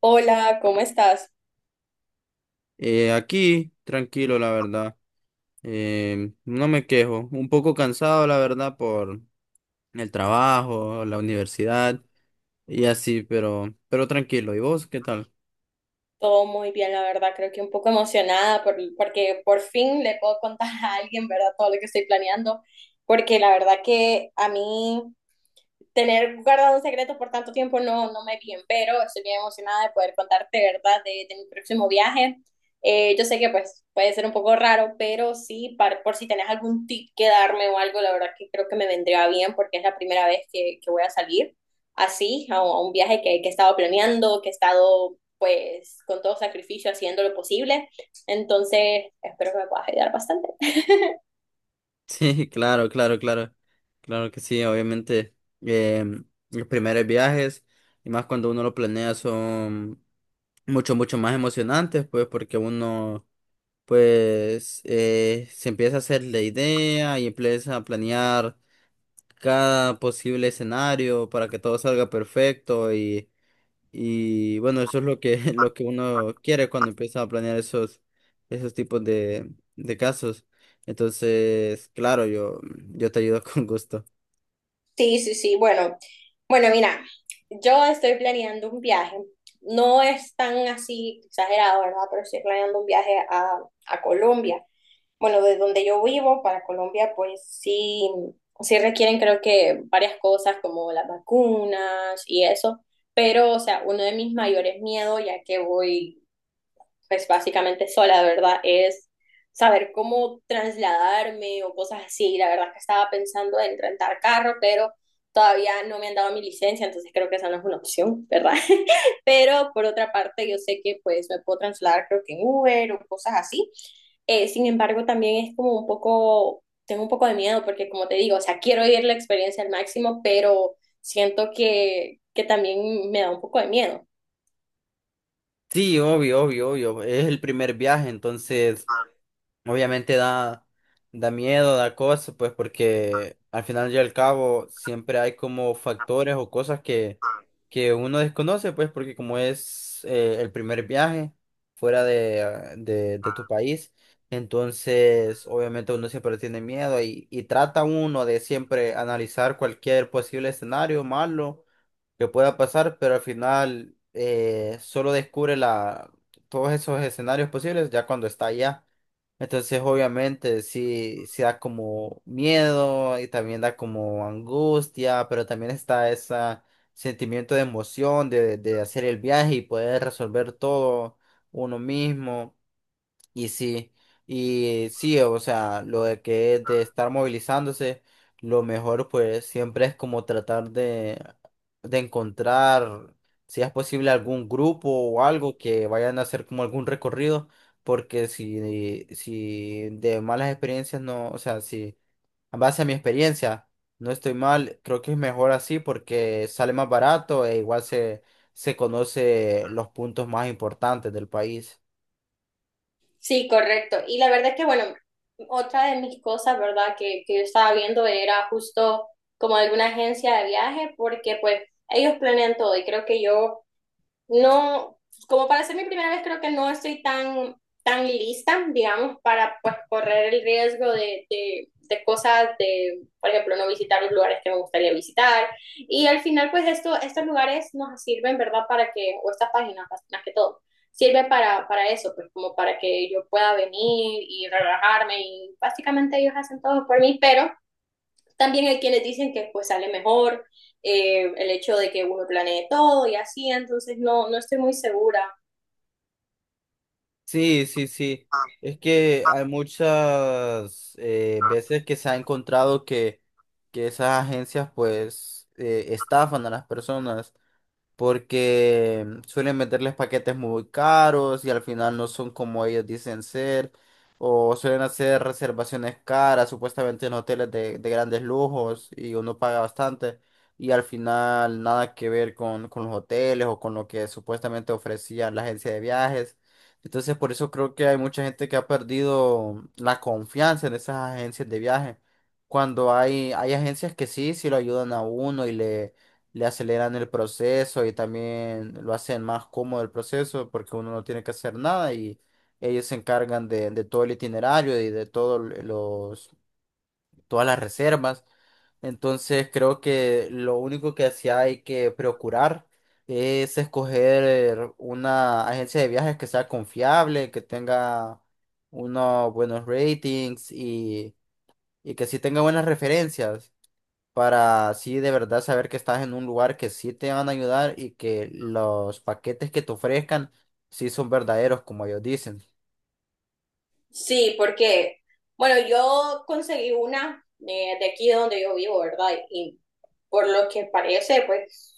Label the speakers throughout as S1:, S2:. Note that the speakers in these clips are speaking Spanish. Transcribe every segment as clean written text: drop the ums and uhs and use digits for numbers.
S1: Hola, ¿cómo estás?
S2: Aquí, tranquilo, la verdad. No me quejo. Un poco cansado, la verdad, por el trabajo, la universidad y así, pero tranquilo. ¿Y vos qué tal?
S1: Todo muy bien, la verdad. Creo que un poco emocionada porque por fin le puedo contar a alguien, ¿verdad? Todo lo que estoy planeando, porque la verdad que a mí tener guardado un secreto por tanto tiempo no me bien, pero estoy bien emocionada de poder contarte, ¿verdad?, de mi próximo viaje. Yo sé que pues puede ser un poco raro, pero sí, por si tenés algún tip que darme o algo, la verdad que creo que me vendría bien porque es la primera vez que voy a salir así, a un viaje que he estado planeando, que he estado pues con todo sacrificio haciendo lo posible. Entonces, espero que me puedas ayudar bastante.
S2: Sí, claro, claro, claro. Claro que sí, obviamente. em, los primeros viajes, y más cuando uno lo planea, son mucho, mucho más emocionantes, pues, porque uno... pues se empieza a hacer la idea y empieza a planear cada posible escenario para que todo salga perfecto y bueno, eso es lo que, lo que uno quiere cuando empieza a planear esos, esos tipos de casos. Entonces, claro, yo te ayudo con gusto.
S1: Sí, sí, sí. Bueno, bueno, mira, yo estoy planeando un viaje. No es tan así exagerado, ¿verdad? Pero estoy planeando un viaje a Colombia. Bueno, de donde yo vivo para Colombia, pues sí, sí requieren creo que varias cosas como las vacunas y eso. Pero, o sea, uno de mis mayores miedos, ya que voy pues básicamente sola, ¿verdad? Es saber cómo trasladarme o cosas así. La verdad es que estaba pensando en rentar carro, pero todavía no me han dado mi licencia, entonces creo que esa no es una opción, ¿verdad? Pero por otra parte, yo sé que pues me puedo trasladar creo que en Uber o cosas así. Sin embargo, también es como un poco, tengo un poco de miedo porque como te digo, o sea, quiero vivir la experiencia al máximo, pero siento que también me da un poco de miedo.
S2: Sí, obvio, obvio, obvio. Es el primer viaje, entonces obviamente da, da miedo, da cosas, pues porque al final y al cabo siempre hay como factores o cosas que uno desconoce, pues porque como es el primer viaje fuera de, ah, de tu país, entonces obviamente uno siempre tiene miedo y trata uno de siempre analizar cualquier posible escenario malo que pueda pasar, pero al final solo descubre la, todos esos escenarios posibles ya cuando está allá. Entonces, obviamente, sí, sí da como miedo y también da como angustia, pero también está ese sentimiento de emoción de hacer el viaje y poder resolver todo uno mismo. Y sí, y sí, o sea, lo de que es de estar movilizándose, lo mejor pues siempre es como tratar de encontrar, si es posible, algún grupo o algo que vayan a hacer como algún recorrido, porque si, si de malas experiencias no, o sea, si a base a mi experiencia no estoy mal, creo que es mejor así porque sale más barato e igual se, se conoce los puntos más importantes del país.
S1: Sí, correcto. Y la verdad es que, bueno, otra de mis cosas, ¿verdad?, que yo estaba viendo era justo como alguna agencia de viaje, porque pues ellos planean todo y creo que yo no, como para ser mi primera vez, creo que no estoy tan, tan lista, digamos, para pues correr el riesgo de cosas, de, por ejemplo, no visitar los lugares que me gustaría visitar. Y al final, pues esto, estos lugares nos sirven, ¿verdad? Para que, o estas páginas más que todo, sirven para eso, pues como para que yo pueda venir y relajarme y básicamente ellos hacen todo por mí, pero también hay quienes dicen que pues sale mejor el hecho de que uno planee todo y así, entonces no, no estoy muy segura.
S2: Sí, sí, sí. Es que hay muchas veces que se ha encontrado que esas agencias pues estafan a las personas porque suelen meterles paquetes muy caros y al final no son como ellos dicen ser, o suelen hacer reservaciones caras, supuestamente en hoteles de grandes lujos y uno paga bastante y al final nada que ver con los hoteles o con lo que supuestamente ofrecía la agencia de viajes. Entonces por eso creo que hay mucha gente que ha perdido la confianza en esas agencias de viaje. Cuando hay agencias que sí, sí lo ayudan a uno y le aceleran el proceso y también lo hacen más cómodo el proceso porque uno no tiene que hacer nada y ellos se encargan de todo el itinerario y de todos los, todas las reservas. Entonces creo que lo único que sí hay que procurar es escoger una agencia de viajes que sea confiable, que tenga unos buenos ratings y que sí tenga buenas referencias para así de verdad saber que estás en un lugar que sí te van a ayudar y que los paquetes que te ofrezcan sí son verdaderos, como ellos dicen.
S1: Sí, porque, bueno, yo conseguí una de aquí donde yo vivo, ¿verdad? Y por lo que parece, pues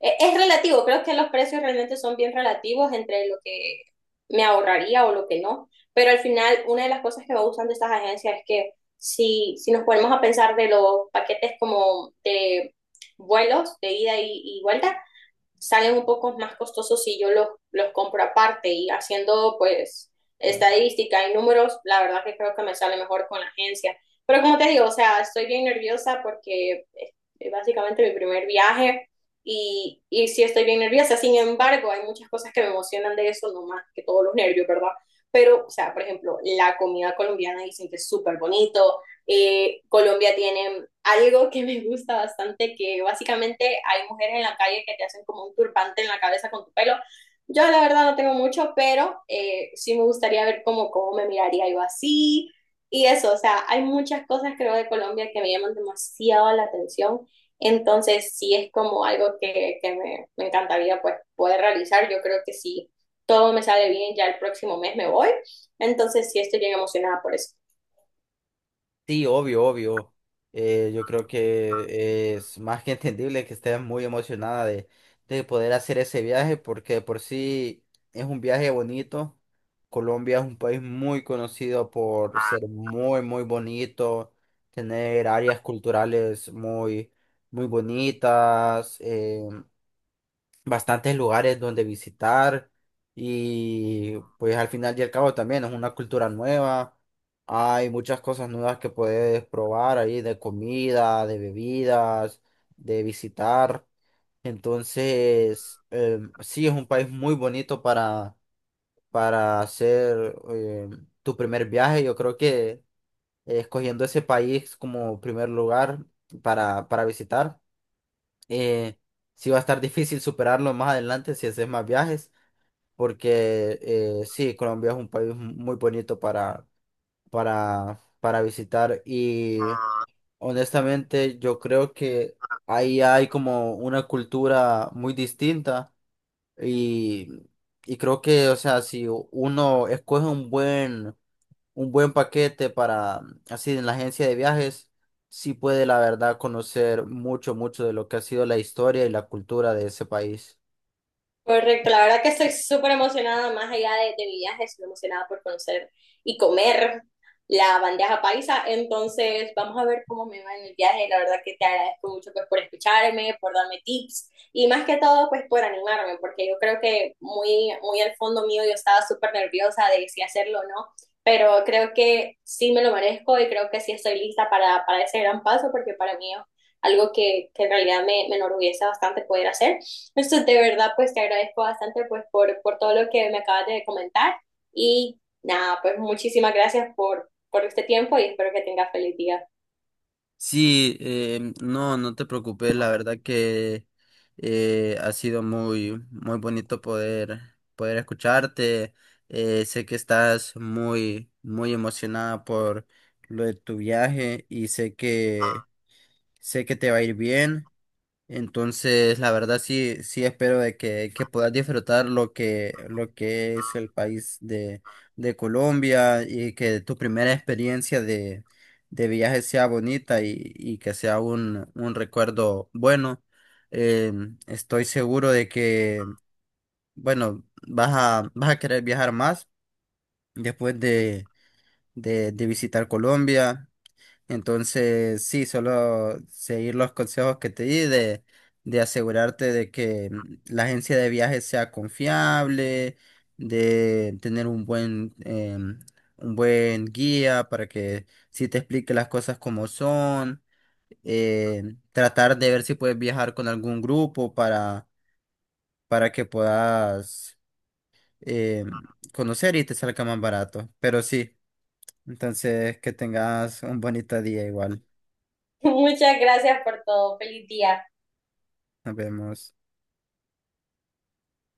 S1: es relativo, creo que los precios realmente son bien relativos entre lo que me ahorraría o lo que no, pero al final una de las cosas que me gustan de estas agencias es que si nos ponemos a pensar de los paquetes como de vuelos de ida y vuelta, salen un poco más costosos si yo los compro aparte y haciendo pues estadística y números, la verdad que creo que me sale mejor con la agencia. Pero como te digo, o sea, estoy bien nerviosa porque es básicamente mi primer viaje y sí estoy bien nerviosa. Sin embargo, hay muchas cosas que me emocionan de eso, no más que todos los nervios, ¿verdad? Pero, o sea, por ejemplo, la comida colombiana dicen que es súper bonito, Colombia tiene algo que me gusta bastante, que básicamente hay mujeres en la calle que te hacen como un turbante en la cabeza con tu pelo. Yo la verdad no tengo mucho, pero sí me gustaría ver cómo me miraría yo así y eso, o sea, hay muchas cosas creo de Colombia que me llaman demasiado la atención, entonces sí es como algo me encantaría pues poder realizar, yo creo que si todo me sale bien, ya el próximo mes me voy, entonces sí estoy bien emocionada por eso.
S2: Sí, obvio, obvio. Yo creo que es más que entendible que estés muy emocionada de poder hacer ese viaje porque de por sí es un viaje bonito. Colombia es un país muy conocido por ser muy, muy bonito, tener áreas culturales muy muy bonitas, bastantes lugares donde visitar y pues al final y al cabo también es una cultura nueva. Hay muchas cosas nuevas que puedes probar ahí de comida, de bebidas, de visitar. Entonces, sí, es un país muy bonito para hacer tu primer viaje. Yo creo que escogiendo ese país como primer lugar para visitar eh, sí va a estar difícil superarlo más adelante si haces más viajes, porque sí, Colombia es un país muy bonito para visitar y honestamente yo creo que ahí hay como una cultura muy distinta y, y creo que, o sea, si uno escoge un buen paquete para, así en la agencia de viajes, sí puede la verdad conocer mucho, mucho de lo que ha sido la historia y la cultura de ese país.
S1: Correcto, la verdad que estoy súper emocionada, más allá de mi viaje, estoy emocionada por conocer y comer la bandeja paisa. Entonces, vamos a ver cómo me va en el viaje. La verdad que te agradezco mucho pues, por escucharme, por darme tips y más que todo, pues por animarme, porque yo creo que muy, muy al fondo mío yo estaba súper nerviosa de si hacerlo o no, pero creo que sí me lo merezco y creo que sí estoy lista para ese gran paso, porque para mí es algo que en realidad me, me enorgullece bastante poder hacer. Eso de verdad, pues te agradezco bastante pues por todo lo que me acabas de comentar y nada, pues muchísimas gracias por este tiempo y espero que tengas feliz día.
S2: Sí, no, no te preocupes, la verdad que ha sido muy, muy bonito poder, poder escucharte. Sé que estás muy, muy emocionada por lo de tu viaje y sé que te va a ir bien. Entonces, la verdad sí, sí espero de que puedas disfrutar lo que es el país de Colombia y que tu primera experiencia de viaje sea bonita y que sea un recuerdo bueno. Eh, estoy seguro de que, bueno, vas a, vas a querer viajar más después de visitar Colombia. Entonces, sí, solo seguir los consejos que te di de asegurarte de que la agencia de viajes sea confiable, de tener un buen, em, un buen guía para que sí te explique las cosas como son, eh, tratar de ver si puedes viajar con algún grupo para que puedas em, conocer y te salga más barato. Pero sí, entonces que tengas un bonito día igual.
S1: Muchas gracias por todo, feliz día.
S2: Nos vemos.